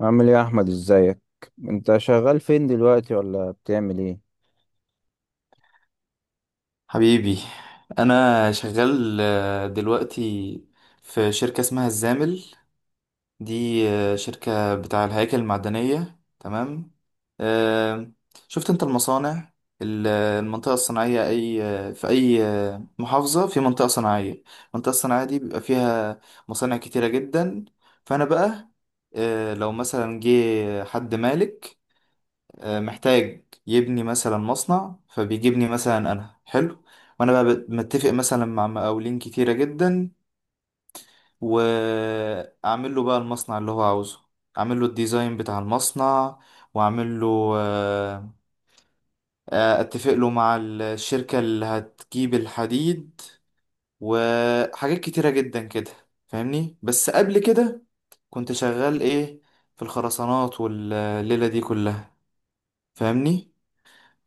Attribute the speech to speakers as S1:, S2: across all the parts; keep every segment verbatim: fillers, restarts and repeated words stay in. S1: عامل ايه يا احمد؟ ازيك؟ انت شغال فين دلوقتي ولا بتعمل ايه؟
S2: حبيبي. انا شغال آه، دلوقتي في شركة اسمها الزامل. دي آه، شركة بتاع الهياكل المعدنية، تمام؟ آه، شفت انت المصانع؟ ال- المنطقة الصناعية، اي آه، في اي آه، محافظة في منطقة صناعية، المنطقة الصناعية دي بيبقى فيها مصانع كتيرة جدا. فانا بقى، آه، لو مثلا جه حد مالك آه، محتاج يبني مثلا مصنع، فبيجيبني مثلا انا، حلو. وانا بقى بت- متفق مثلا مع مقاولين كتيرة جدا، واعمل له بقى المصنع اللي هو عاوزه، اعمل له الديزاين بتاع المصنع، واعمل له آه، آه، اتفق له مع الشركة اللي هتجيب الحديد، وحاجات كتيرة جدا كده، فاهمني؟ بس قبل كده كنت شغال ايه؟ في الخرسانات والليلة دي كلها، فاهمني.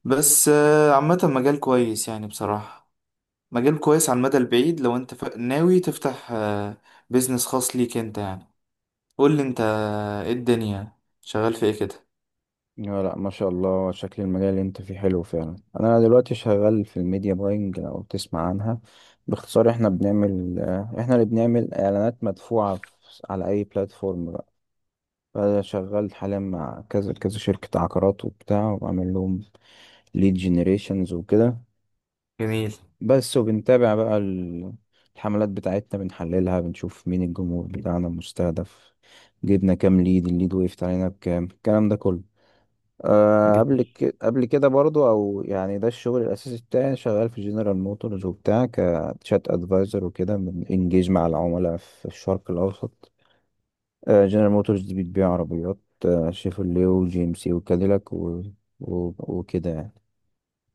S2: بس آه، عامة مجال كويس يعني بصراحة، مجال كويس على المدى البعيد لو انت ف... ناوي تفتح آه، بيزنس خاص ليك انت يعني. قول لي انت، آه، ايه الدنيا؟ شغال في ايه كده؟
S1: لا، لا، ما شاء الله، شكل المجال اللي انت فيه حلو فعلا. انا دلوقتي شغال في الميديا باينج، لو تسمع عنها. باختصار احنا بنعمل آه، احنا اللي بنعمل اعلانات مدفوعة في... على اي بلاتفورم بقى. فانا شغال حاليا مع كذا كذا شركة عقارات وبتاع، وبعمل لهم ليد جنريشنز وكده.
S2: جميل.
S1: بس وبنتابع بقى ال- الحملات بتاعتنا، بنحللها، بنشوف مين الجمهور بتاعنا المستهدف، جبنا كام ليد، الليد وقفت علينا بكام، الكلام ده كله. أه، قبل
S2: جميل.
S1: ك... قبل كده برضو، او يعني، ده الشغل الاساسي بتاعي، شغال في جنرال موتورز وبتاع كتشات ادفايزر وكده، بنجيج مع العملاء في الشرق الاوسط. أه، جنرال موتورز دي بتبيع عربيات، آه، شيفروليه وجي ام سي وكاديلاك و... و... وكده يعني.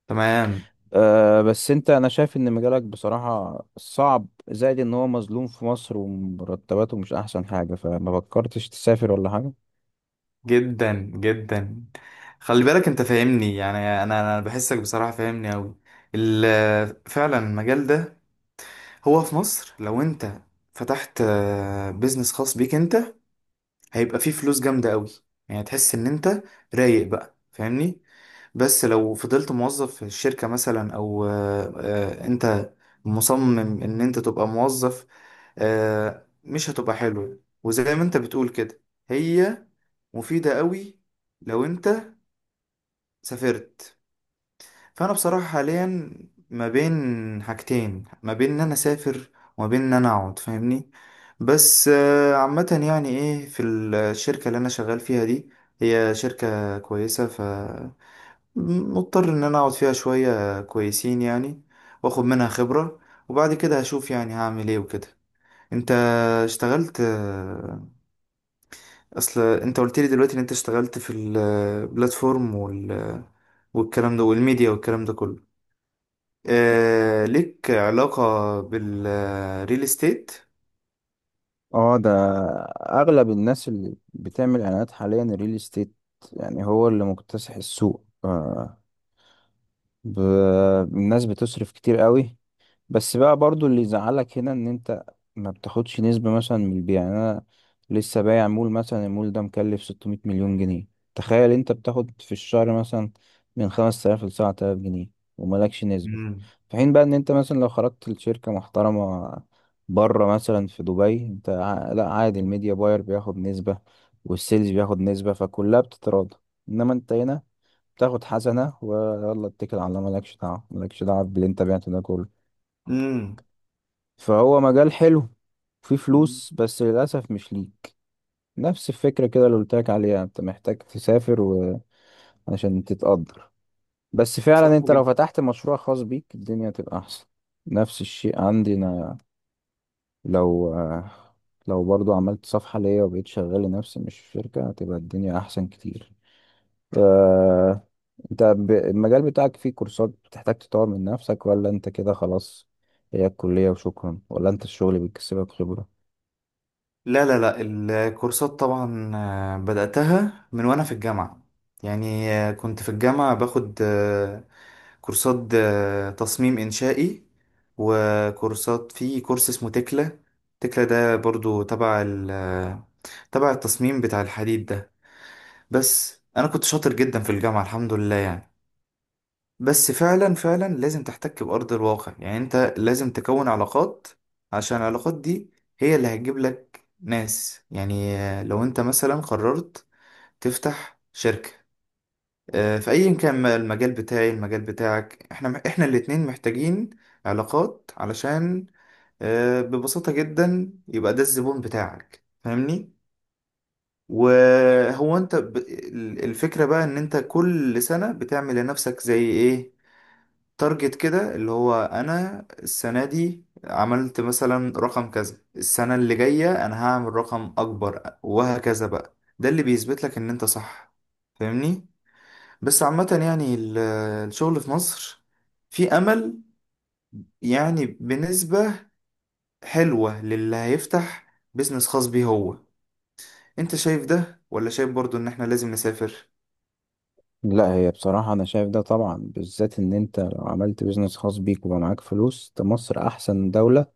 S2: تمام.
S1: أه بس انت، انا شايف ان مجالك بصراحة صعب، زائد ان هو مظلوم في مصر، ومرتباته مش احسن حاجة، فما فكرتش تسافر ولا حاجة؟
S2: جدا جدا. خلي بالك انت فاهمني يعني، انا انا بحسك بصراحة، فاهمني اوي. ال- فعلا المجال ده هو في مصر لو انت فتحت بيزنس خاص بيك انت، هيبقى فيه فلوس جامدة قوي، يعني تحس ان انت رايق بقى، فاهمني. بس لو فضلت موظف في الشركة مثلا، او آه، آه، انت مصمم ان انت تبقى موظف، آه، مش هتبقى حلو. وزي ما انت بتقول كده، هي مفيدة قوي لو انت سافرت. فانا بصراحه حاليا ما بين حاجتين: ما بين ان انا اسافر وما بين ان انا اقعد، فاهمني. بس آه، عامه، يعني ايه، في الشركه اللي انا شغال فيها دي، هي شركه كويسه، ف مضطر ان انا اقعد فيها شويه كويسين يعني، واخد منها خبره، وبعد كده هشوف يعني هعمل ايه وكده. انت اشتغلت، آه، اصل انت قلت لي دلوقتي ان انت اشتغلت في البلاتفورم وال آه، والكلام ده والميديا والكلام ده كله، آه ليك علاقة بالريل استيت؟
S1: اه ده اغلب الناس اللي بتعمل اعلانات حاليا الريل استيت، يعني هو اللي مكتسح السوق. أه، ب... الناس بتصرف كتير قوي. بس بقى برضو اللي يزعلك هنا ان انت ما بتاخدش نسبة مثلا من البيع. يعني انا لسه بايع مول مثلا، المول ده مكلف 600 مليون جنيه، تخيل انت بتاخد في الشهر مثلا من خمس تلاف ل سبعة آلاف جنيه وملكش نسبة.
S2: مم.
S1: في حين بقى ان انت مثلا لو خرجت لشركة محترمة بره مثلا في دبي، انت ع- لا، عادي، الميديا باير بياخد نسبة والسيلز بياخد نسبة، فكلها بتتراضى. انما انت هنا بتاخد حسنة، ويلا اتكل على الله، مالكش دعوة، مالكش دعوة باللي انت بعته ده كله.
S2: امم.
S1: فهو مجال حلو فيه فلوس بس للأسف مش ليك. نفس الفكرة كده اللي قلتلك عليها، انت محتاج تسافر و... عشان تتقدر. بس
S2: صح
S1: فعلا انت لو
S2: جدا.
S1: فتحت مشروع خاص بيك الدنيا تبقى أحسن. نفس الشيء عندي أنا، لو آه، لو برضو عملت صفحة ليا وبقيت شغال لنفسي مش في شركة، هتبقى الدنيا أحسن كتير. آه... انت ب... المجال بتاعك فيه كورسات بتحتاج تطور من نفسك، ولا انت كده خلاص، هي الكلية وشكرا، ولا انت الشغل بيكسبك خبرة؟
S2: لا لا لا، الكورسات طبعا آه، بدأتها من وانا في الجامعة، يعني آه، كنت في الجامعة باخد آه، كورسات آه، تصميم إنشائي، وكورسات في كورس اسمه تكلا. تكلا ده برضو تبع ال- آه، تبع التصميم بتاع الحديد ده. بس أنا كنت شاطر جدا في الجامعة الحمد لله يعني. بس فعلا فعلا لازم تحتك بأرض الواقع، يعني انت لازم تكون علاقات، عشان العلاقات دي هي اللي هتجيب لك ناس. يعني آه، لو انت مثلا قررت تفتح شركة، آه، في ايا كان، ما- المجال بتاعي المجال بتاعك، احنا احنا الاتنين محتاجين علاقات، علشان آه، ببساطة جدا يبقى ده الزبون بتاعك، فاهمني. وهو انت ب... الفكرة بقى، ان انت كل سنة بتعمل لنفسك زي ايه، تارجت كده، اللي هو انا السنه دي عملت مثلا رقم كذا، السنه اللي جايه انا هعمل رقم اكبر، وهكذا بقى. ده اللي بيثبت لك ان انت صح، فاهمني. بس عامه يعني ال- الشغل في مصر في امل، يعني بنسبه حلوه للي هيفتح بيزنس خاص بيه هو. انت شايف ده ولا شايف برضو ان احنا لازم نسافر؟
S1: لا، هي بصراحة أنا شايف ده طبعا، بالذات إن أنت لو عملت بيزنس خاص بيك وبقى معاك فلوس، ده مصر أحسن دولة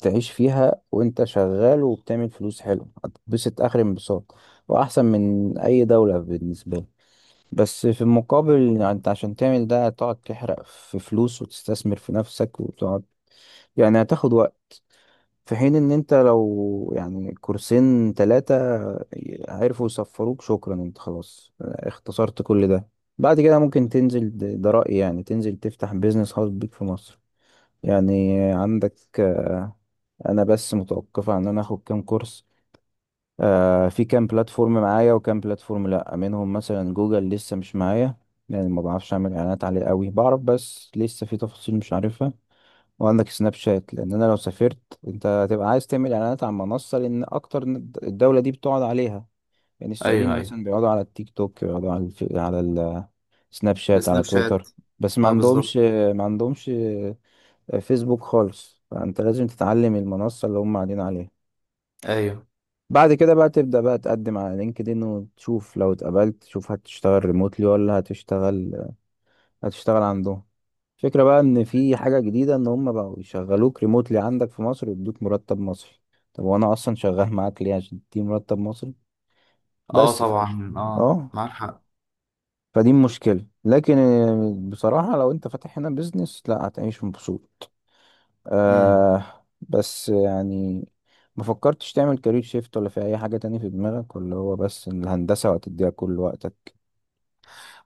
S1: تعيش فيها، وأنت شغال وبتعمل فلوس حلوة هتتبسط آخر انبساط، وأحسن من أي دولة بالنسبة لي. بس في المقابل، يعني أنت عشان تعمل ده هتقعد تحرق في فلوس وتستثمر في نفسك وتقعد، يعني هتاخد وقت. في حين ان انت لو يعني كورسين ثلاثة عرفوا يصفروك شكرا، انت خلاص اختصرت كل ده. بعد كده ممكن تنزل، ده ده رأيي يعني، تنزل تفتح بيزنس خاص بيك في مصر. يعني عندك، آه، انا بس متوقفة ان انا اخد كام كورس. آه، في كام بلاتفورم معايا وكام بلاتفورم لا، منهم مثلا جوجل لسه مش معايا، يعني ما بعرفش اعمل اعلانات عليه قوي، بعرف بس لسه في تفاصيل مش عارفها. وعندك سناب شات، لان انا لو سافرت انت هتبقى عايز تعمل اعلانات على منصه لان اكتر ن- الدوله دي بتقعد عليها. يعني
S2: ايوه.
S1: السعوديين
S2: ايوه،
S1: مثلا بيقعدوا على التيك توك، بيقعدوا على الف... على السناب شات، على
S2: السناب شات.
S1: تويتر، بس ما
S2: اه
S1: عندهمش
S2: بالظبط.
S1: ما عندهمش آه، فيسبوك خالص. فانت لازم تتعلم المنصه اللي هم قاعدين عليها.
S2: ايوه.
S1: بعد كده بقى تبدا بقى تقدم على لينكدين، وتشوف لو اتقبلت تشوف هتشتغل ريموتلي ولا هتشتغل هتشتغل عندهم. فكرة بقى ان في حاجة جديدة ان هم بقوا يشغلوك ريموتلي عندك في مصر ويدوك مرتب مصري. طب وانا اصلا شغال معاك ليه عشان تديني مرتب مصري؟
S2: اه
S1: بس ف...
S2: طبعا، اه
S1: اه،
S2: معاك
S1: فدي مشكلة. لكن آه، بصراحة لو انت فاتح هنا بيزنس لا هتعيش مبسوط.
S2: حق.
S1: آه بس يعني ما فكرتش تعمل كارير شيفت ولا في اي حاجة تانية في دماغك، ولا هو بس الهندسة وهتديها كل وقتك؟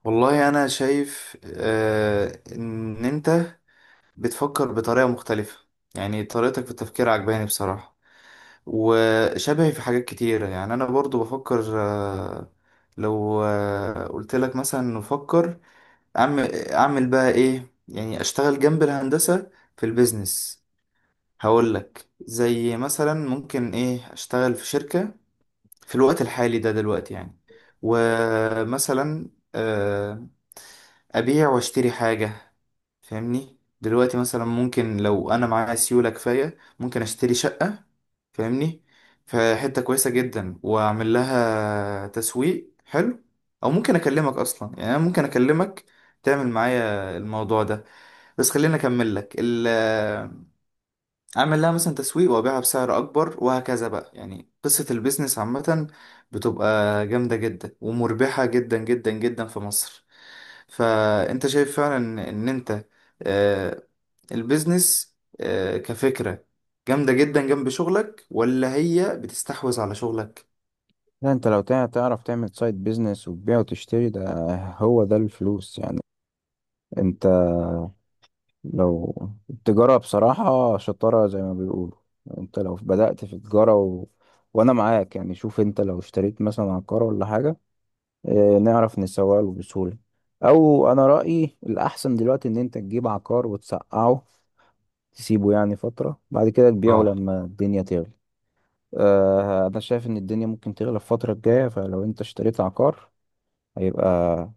S2: والله انا شايف آه ان انت بتفكر بطريقه مختلفه، يعني طريقتك في التفكير عجباني بصراحه، وشبهي في حاجات كتيره. يعني انا برضو بفكر، آه لو آه قلت لك مثلا نفكر اعمل اعمل بقى ايه، يعني اشتغل جنب الهندسه في البيزنس. هقول لك زي مثلا ممكن ايه، اشتغل في شركه في الوقت الحالي ده دلوقتي يعني، ومثلا آه، أبيع وأشتري حاجة، فاهمني. دلوقتي مثلا ممكن لو أنا معايا سيولة كفاية ممكن أشتري شقة، فاهمني، في حتة كويسة جدا، وأعمل لها تسويق حلو. أو ممكن أكلمك أصلا، يعني أنا ممكن أكلمك تعمل معايا الموضوع ده، بس خليني أكمل لك. اعمل لها مثلا تسويق وابيعها بسعر اكبر وهكذا بقى. يعني قصة البيزنس عامة بتبقى جامدة جدا ومربحة جدا جدا جدا في مصر. فانت شايف فعلا ان إن انت آه، البيزنس آه، كفكرة جامدة جدا جنب شغلك، ولا هي بتستحوذ على شغلك؟
S1: لا، انت لو تع- تعرف تعمل سايد بيزنس وتبيع وتشتري، ده هو ده الفلوس يعني. انت لو التجارة بصراحة شطارة زي ما بيقولوا. انت لو بدأت في تجارة و... وانا معاك يعني. شوف انت لو اشتريت مثلا عقار ولا حاجة، اه نعرف نسوق له بسهولة. او انا رأيي الاحسن دلوقتي ان انت تجيب عقار وتسقعه، تسيبه يعني فترة، بعد كده تبيعه
S2: اه.
S1: لما الدنيا تغلى. اه انا شايف ان الدنيا ممكن تغلى الفترة الجاية، فلو انت اشتريت عقار هيبقى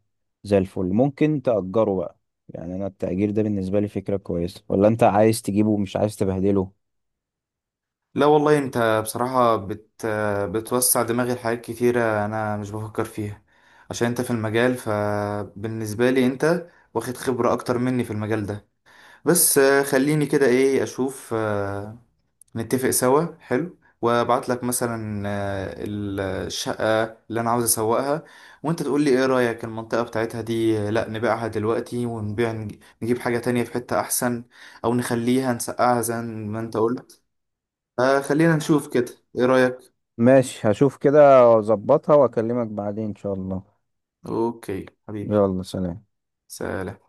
S1: زي الفل، ممكن تأجره بقى. يعني أنا التأجير ده بالنسبة لي فكرة كويسة، ولا أنت عايز تجيبه ومش عايز تبهدله؟
S2: لا والله، انت بصراحة بت بتوسع دماغي لحاجات كتيرة انا مش بفكر فيها، عشان انت في المجال، فبالنسبة لي انت واخد خبرة اكتر مني في المجال ده. بس آه، خليني كده ايه، اشوف آه، نتفق سوا حلو، وابعت لك مثلا آه، ال- الشقة اللي انا عاوز اسوقها، وانت تقول لي ايه رأيك، المنطقة بتاعتها دي آه، لا نبيعها دلوقتي ونبيع نج- نجيب حاجة تانية في حتة احسن، او نخليها نسقعها زي ما انت قلت. آه، خلينا نشوف كده، ايه رأيك؟
S1: ماشي، هشوف كده وأظبطها وأكلمك بعدين إن شاء الله.
S2: اوكي حبيبي،
S1: يلا سلام.
S2: سلام.